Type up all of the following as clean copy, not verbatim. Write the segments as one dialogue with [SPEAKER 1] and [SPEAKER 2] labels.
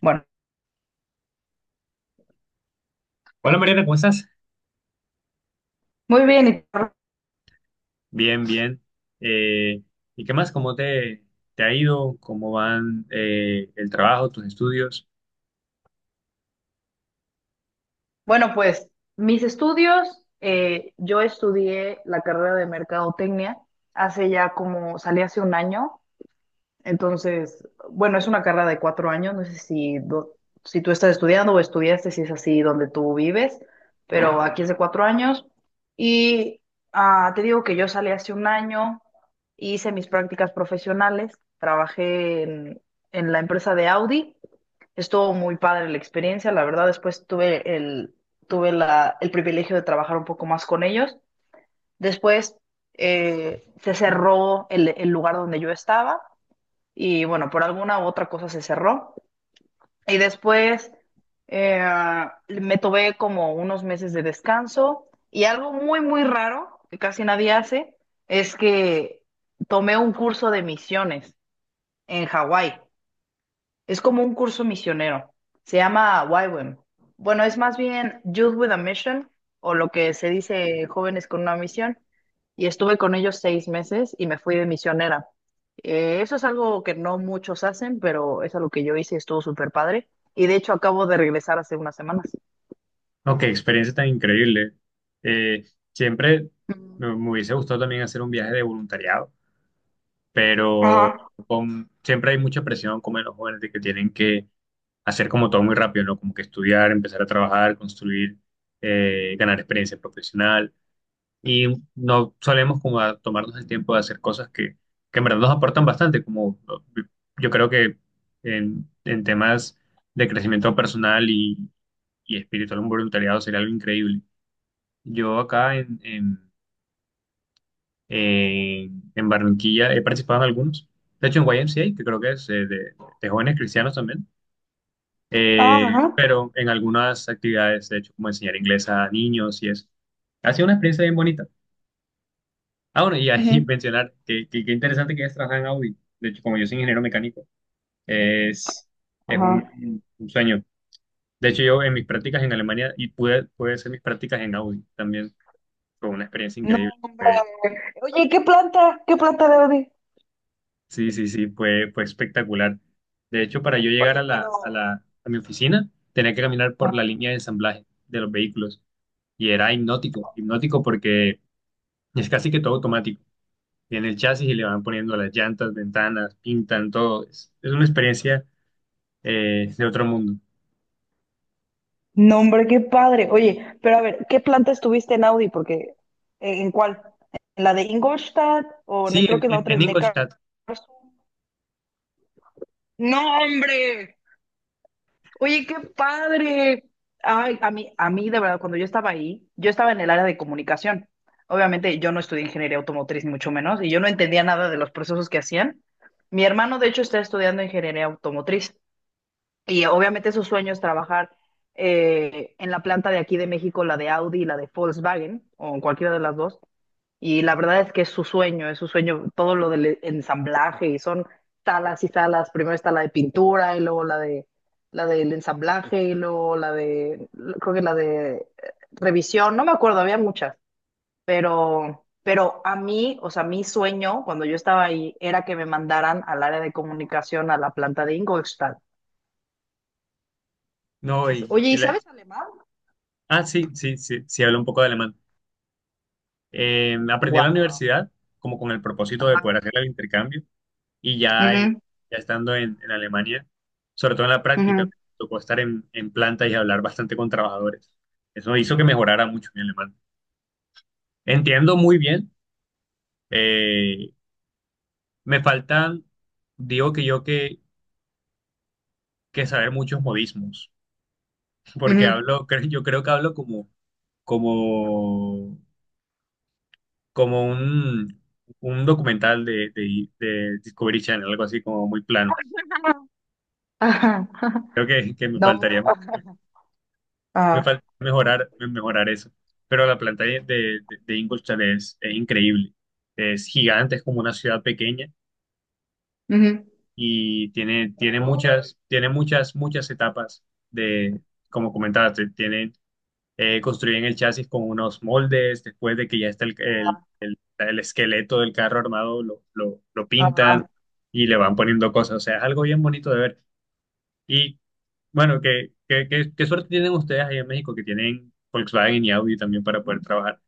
[SPEAKER 1] Bueno,
[SPEAKER 2] Hola Mariana, ¿cómo estás?
[SPEAKER 1] muy bien.
[SPEAKER 2] Bien, bien. Eh, ¿Y qué más? ¿Te ha ido? ¿Cómo van el trabajo, tus estudios?
[SPEAKER 1] Bueno, pues mis estudios, yo estudié la carrera de mercadotecnia hace ya como, salí hace un año. Entonces, bueno, es una carrera de cuatro años, no sé si, si tú estás estudiando o estudiaste, si es así donde tú vives, pero aquí es de cuatro años. Y te digo que yo salí hace un año, hice mis prácticas profesionales, trabajé en la empresa de Audi. Estuvo muy padre la experiencia, la verdad. Después tuve el privilegio de trabajar un poco más con ellos. Después se cerró el lugar donde yo estaba y bueno, por alguna u otra cosa se cerró. Y después eh, me tomé como unos meses de descanso, y algo muy raro que casi nadie hace es que tomé un curso de misiones en Hawái. Es como un curso misionero. Se llama YWAM. Bueno, es más bien Youth with a Mission, o lo que se dice jóvenes con una misión. Y estuve con ellos seis meses y me fui de misionera. Eso es algo que no muchos hacen, pero es algo que yo hice y estuvo súper padre. Y de hecho acabo de regresar hace unas semanas.
[SPEAKER 2] No, qué experiencia tan increíble. Eh, siempre
[SPEAKER 1] Mm.
[SPEAKER 2] me hubiese gustado también hacer un viaje de voluntariado, pero
[SPEAKER 1] Ajá.
[SPEAKER 2] siempre hay mucha presión como en los jóvenes de que tienen que hacer como todo muy rápido, ¿no? Como que estudiar, empezar a trabajar, construir, ganar experiencia profesional. Y no solemos como a tomarnos el tiempo de hacer cosas que en verdad nos aportan bastante, como, ¿no? Yo creo que en temas de crecimiento personal y espiritual, un voluntariado sería algo increíble. Yo acá en Barranquilla he participado en algunos, de hecho en Y M C A, que creo que es de jóvenes cristianos también,
[SPEAKER 1] Ah,
[SPEAKER 2] eh,
[SPEAKER 1] ajá.
[SPEAKER 2] pero en algunas actividades, de hecho, como enseñar inglés a niños y eso. Ha sido una experiencia bien bonita. Ah, bueno, y ahí
[SPEAKER 1] Ujú.
[SPEAKER 2] mencionar qué interesante que hayas trabajado en Audi. De hecho, como yo soy ingeniero mecánico, es, es
[SPEAKER 1] Ajá.
[SPEAKER 2] un sueño. De hecho, yo en mis prácticas en Alemania y pude hacer mis prácticas en Audi también. Fue una experiencia increíble.
[SPEAKER 1] No, hombre.
[SPEAKER 2] Fue-
[SPEAKER 1] Oye, ¿qué planta? ¿Qué planta de
[SPEAKER 2] sí, fue, fue espectacular. De hecho, para yo llegar a
[SPEAKER 1] Oye, pero.
[SPEAKER 2] a mi oficina, tenía que caminar por la línea de ensamblaje de los vehículos. Y era hipnótico, hipnótico porque es casi que todo automático. Viene el chasis y le van poniendo las llantas, ventanas, pintan todo. Es una experiencia de otro mundo.
[SPEAKER 1] No, hombre, qué padre. Oye, pero a ver, ¿qué planta estuviste en Audi? Porque, en cuál? ¿En la de Ingolstadt? O
[SPEAKER 2] Sí,
[SPEAKER 1] creo que la otra
[SPEAKER 2] en
[SPEAKER 1] es Neckar.
[SPEAKER 2] Ingolstadt.
[SPEAKER 1] No, hombre. Oye, qué padre. Ay, a mí, de verdad, cuando yo estaba ahí, yo estaba en el área de comunicación. Obviamente, yo no estudié ingeniería automotriz, ni mucho menos, y yo no entendía nada de los procesos que hacían. Mi hermano, de hecho, está estudiando ingeniería automotriz. Y obviamente su sueño es trabajar en la planta de aquí de México, la de Audi y la de Volkswagen, o en cualquiera de las dos. Y la verdad es que es su sueño todo lo del ensamblaje, y son salas y salas. Primero está la de pintura y luego la de la del ensamblaje y luego la de, creo que la de revisión, no me acuerdo, había muchas. Pero a mí, o sea, mi sueño cuando yo estaba ahí era que me mandaran al área de comunicación a la planta de Ingolstadt.
[SPEAKER 2] No,
[SPEAKER 1] Oye,
[SPEAKER 2] y
[SPEAKER 1] ¿y
[SPEAKER 2] la-
[SPEAKER 1] sabes alemán?
[SPEAKER 2] ah, Sí, hablo un poco de alemán. Aprendí en la
[SPEAKER 1] Wow.
[SPEAKER 2] universidad como con el propósito de
[SPEAKER 1] Ajá.
[SPEAKER 2] poder hacer el intercambio y ya,
[SPEAKER 1] Ujú,
[SPEAKER 2] ya estando en Alemania, sobre todo en la práctica,
[SPEAKER 1] ujú,
[SPEAKER 2] me tocó estar en planta y hablar bastante con trabajadores. Eso hizo que mejorara mucho mi alemán. Entiendo muy bien. eh, me faltan, digo que que saber muchos modismos, porque
[SPEAKER 1] ujú.
[SPEAKER 2] hablo, yo creo que hablo como como, como un documental de Discovery Channel, algo así como muy plano.
[SPEAKER 1] Ajá,
[SPEAKER 2] Creo que me
[SPEAKER 1] No.
[SPEAKER 2] faltaría, me
[SPEAKER 1] Ajá,
[SPEAKER 2] falta mejorar, mejorar eso. Pero la planta de Ingolstadt es increíble. Es gigante, es como una ciudad pequeña
[SPEAKER 1] ujú,
[SPEAKER 2] y tiene, tiene muchas, muchas etapas de, como comentaste, tiene construyen el chasis con unos moldes, después de que ya está
[SPEAKER 1] ajá,
[SPEAKER 2] el esqueleto del carro armado, lo pintan
[SPEAKER 1] ajá.
[SPEAKER 2] y le van poniendo cosas. O sea, es algo bien bonito de ver. Y bueno, ¿qué suerte tienen ustedes ahí en México que tienen Volkswagen y Audi también para poder trabajar?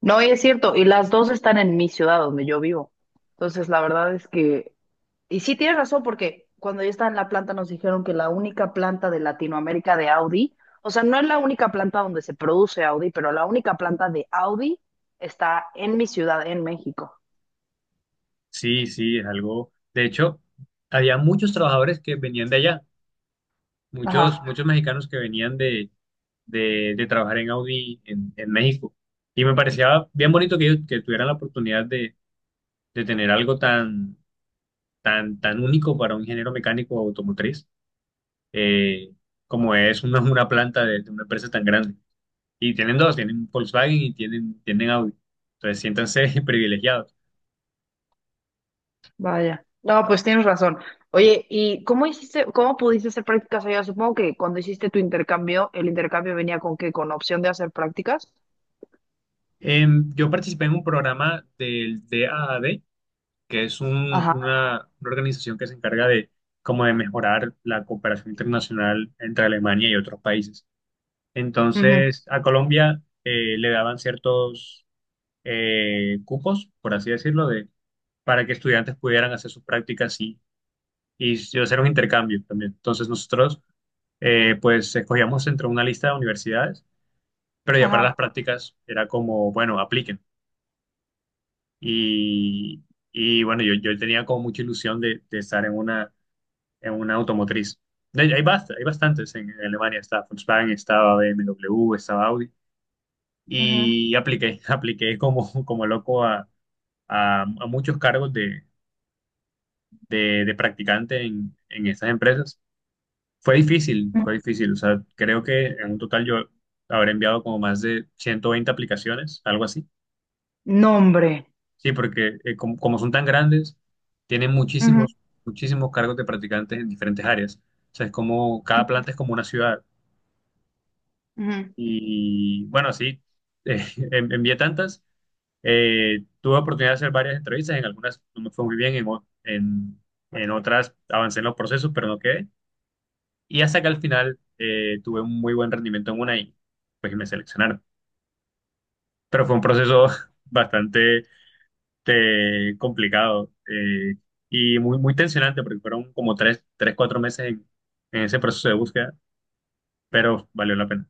[SPEAKER 1] No, y es cierto, y las dos están en mi ciudad donde yo vivo. Entonces, la verdad es que, y sí tienes razón, porque cuando yo estaba en la planta nos dijeron que la única planta de Latinoamérica de Audi, o sea, no es la única planta donde se produce Audi, pero la única planta de Audi está en mi ciudad, en México.
[SPEAKER 2] Sí, sí, es algo. De hecho, había muchos trabajadores que venían de allá, muchos,
[SPEAKER 1] Ajá.
[SPEAKER 2] muchos mexicanos que venían de trabajar en Audi en México. Y me parecía bien bonito que ellos que tuvieran la oportunidad de tener algo tan, tan, tan único para un ingeniero mecánico automotriz, eh, como es una planta de una empresa tan grande. Y tienen dos, tienen Volkswagen y tienen, tienen Audi. Entonces, siéntanse privilegiados.
[SPEAKER 1] Vaya. No, pues tienes razón. Oye, ¿y cómo hiciste, cómo pudiste hacer prácticas allá? Supongo que cuando hiciste tu intercambio, el intercambio venía con qué, con opción de hacer prácticas.
[SPEAKER 2] Yo participé en un programa del DAAD, que es
[SPEAKER 1] Ajá.
[SPEAKER 2] una organización que se encarga de, como de mejorar la cooperación internacional entre Alemania y otros países.
[SPEAKER 1] Ujú,
[SPEAKER 2] Entonces, a Colombia, le daban ciertos, cupos, por así decirlo, para que estudiantes pudieran hacer sus prácticas y hacer un intercambio también. Entonces nosotros, pues escogíamos entre una lista de universidades, pero ya para
[SPEAKER 1] Ajá.
[SPEAKER 2] las prácticas era como, bueno, apliquen. Y, y bueno, yo tenía como mucha ilusión de estar en en una automotriz. Hay, hay bastantes en Alemania, está Volkswagen, estaba BMW, estaba Audi,
[SPEAKER 1] ujú,
[SPEAKER 2] y apliqué, apliqué como, como loco a muchos cargos de practicante en estas empresas. Fue difícil,
[SPEAKER 1] ujú.
[SPEAKER 2] fue difícil. O sea, creo que en un total yo habré enviado como más de 120 aplicaciones, algo así.
[SPEAKER 1] Nombre.
[SPEAKER 2] Sí, porque como son tan grandes, tienen muchísimos, muchísimos cargos de practicantes en diferentes áreas. O sea, es como, cada planta es como una ciudad. Y bueno, sí, eh, envié tantas. Tuve oportunidad de hacer varias entrevistas. En algunas no me fue muy bien, en otras avancé en los procesos, pero no quedé. Y hasta que al final, tuve un muy buen rendimiento en una y pues me seleccionaron. Pero fue un proceso bastante complicado, y muy, muy tensionante porque fueron como cuatro meses en ese proceso de búsqueda, pero valió la pena.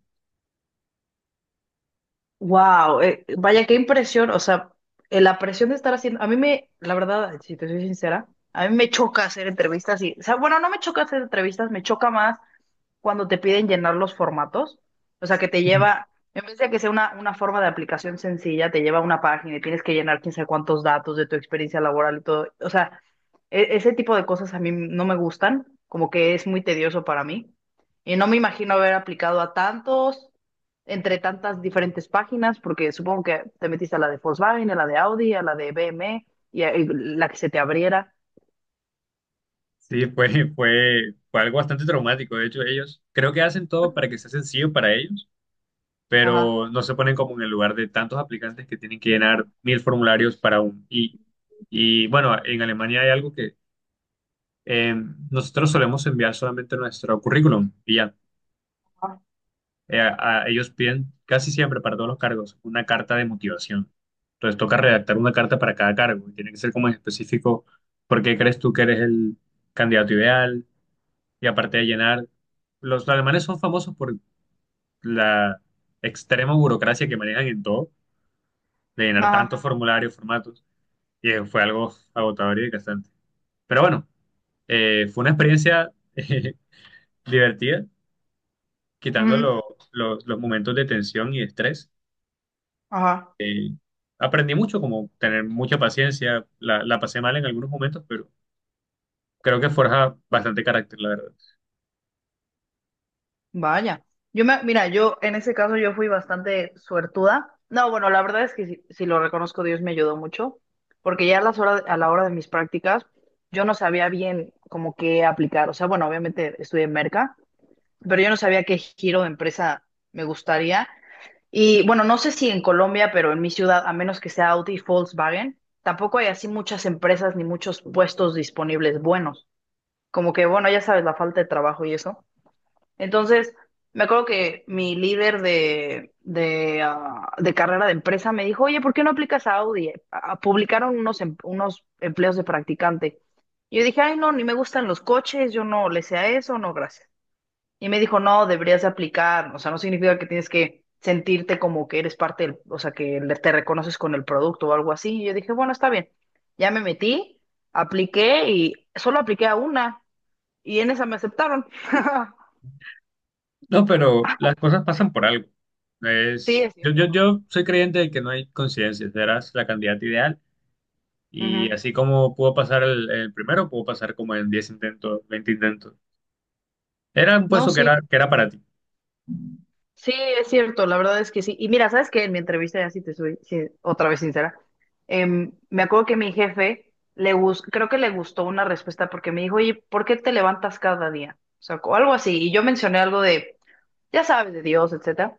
[SPEAKER 1] Wow, vaya qué impresión. O sea, la presión de estar haciendo, la verdad, si te soy sincera, a mí me choca hacer entrevistas y, o sea, bueno, no me choca hacer entrevistas, me choca más cuando te piden llenar los formatos, o sea, que te lleva, en vez de que sea una forma de aplicación sencilla, te lleva a una página y tienes que llenar quién sabe cuántos datos de tu experiencia laboral y todo. O sea, ese tipo de cosas a mí no me gustan, como que es muy tedioso para mí. Y no me imagino haber aplicado a tantos, entre tantas diferentes páginas, porque supongo que te metiste a la de Volkswagen, a la de Audi, a la de BMW y la que se te abriera.
[SPEAKER 2] Sí, fue, fue, fue algo bastante traumático. De hecho, ellos creo que hacen todo para que sea sencillo para ellos,
[SPEAKER 1] Ajá.
[SPEAKER 2] pero no se ponen como en el lugar de tantos aplicantes que tienen que llenar mil formularios para un... y bueno, en Alemania hay algo, eh, nosotros solemos enviar solamente nuestro currículum y ya.
[SPEAKER 1] Ajá.
[SPEAKER 2] Ellos piden casi siempre para todos los cargos una carta de motivación. Entonces toca redactar una carta para cada cargo y tiene que ser como en específico por qué crees tú que eres el candidato ideal y aparte de llenar. Los alemanes son famosos por la extrema burocracia que manejan en todo, de llenar tantos
[SPEAKER 1] Ajá.
[SPEAKER 2] formularios, formatos, y fue algo agotador y desgastante. Pero bueno, fue una experiencia divertida quitando
[SPEAKER 1] ujú,
[SPEAKER 2] los momentos de tensión y estrés.
[SPEAKER 1] Ajá.
[SPEAKER 2] eh, aprendí mucho, como tener mucha paciencia. La pasé mal en algunos momentos, pero creo que forja bastante carácter, la verdad.
[SPEAKER 1] Vaya, mira, yo en ese caso yo fui bastante suertuda. No, bueno, la verdad es que si lo reconozco, Dios me ayudó mucho, porque ya a las horas, a la hora de mis prácticas, yo no sabía bien como qué aplicar. O sea, bueno, obviamente estudié en Merca, pero yo no sabía qué giro de empresa me gustaría. Y bueno, no sé si en Colombia, pero en mi ciudad, a menos que sea Audi y Volkswagen, tampoco hay así muchas empresas ni muchos puestos disponibles buenos. Como que, bueno, ya sabes, la falta de trabajo y eso. Entonces, me acuerdo que mi líder ah, de carrera de empresa me dijo, oye, ¿por qué no aplicas a Audi? Ah, publicaron unos, unos empleos de practicante. Y yo dije, ay, no, ni me gustan los coches, yo no le sé a eso, no, gracias. Y me dijo, no, deberías de aplicar, o sea, no significa que tienes que sentirte como que eres parte, o sea, que te reconoces con el producto o algo así. Y yo dije, bueno, está bien. Ya me metí, apliqué y solo apliqué a una y en esa me aceptaron.
[SPEAKER 2] No, pero las cosas pasan por algo.
[SPEAKER 1] Sí, es cierto.
[SPEAKER 2] Yo soy creyente de que no hay coincidencias, serás la candidata ideal. Y
[SPEAKER 1] Ujú.
[SPEAKER 2] así como pudo pasar el primero, pudo pasar como en 10 intentos, 20 intentos. Era un
[SPEAKER 1] No,
[SPEAKER 2] puesto
[SPEAKER 1] sí,
[SPEAKER 2] que era para ti.
[SPEAKER 1] sí, es cierto, la verdad es que sí. Y mira, ¿sabes qué? En mi entrevista, ya sí otra vez sincera, me acuerdo que mi jefe, creo que le gustó una respuesta porque me dijo, oye, ¿por qué te levantas cada día? O sea, o algo así. Y yo mencioné algo de, ya sabes, de Dios, etcétera.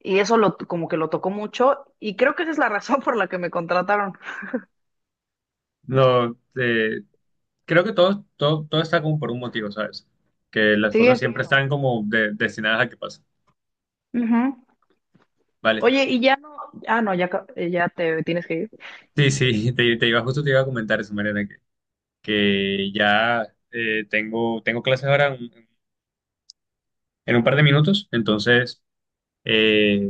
[SPEAKER 1] Y eso lo, como que lo tocó mucho y creo que esa es la razón por la que me contrataron.
[SPEAKER 2] No, creo que todo, todo, todo está como por un motivo, ¿sabes? Que las
[SPEAKER 1] Sí,
[SPEAKER 2] cosas
[SPEAKER 1] es
[SPEAKER 2] siempre
[SPEAKER 1] cierto.
[SPEAKER 2] están como destinadas a que pasen.
[SPEAKER 1] Ujú.
[SPEAKER 2] Vale.
[SPEAKER 1] Oye, y ya no, ah, no, ya, ya te tienes que ir.
[SPEAKER 2] Sí, sí, te iba, justo te iba a comentar eso, Mariana, que ya, tengo, tengo clases ahora en un par de minutos, entonces, eh,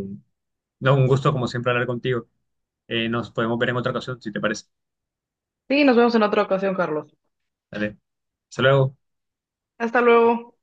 [SPEAKER 2] no, un gusto como siempre hablar contigo. Nos podemos ver en otra ocasión, si te parece.
[SPEAKER 1] Sí, nos vemos en otra ocasión, Carlos.
[SPEAKER 2] Vale. Hasta luego.
[SPEAKER 1] Hasta luego.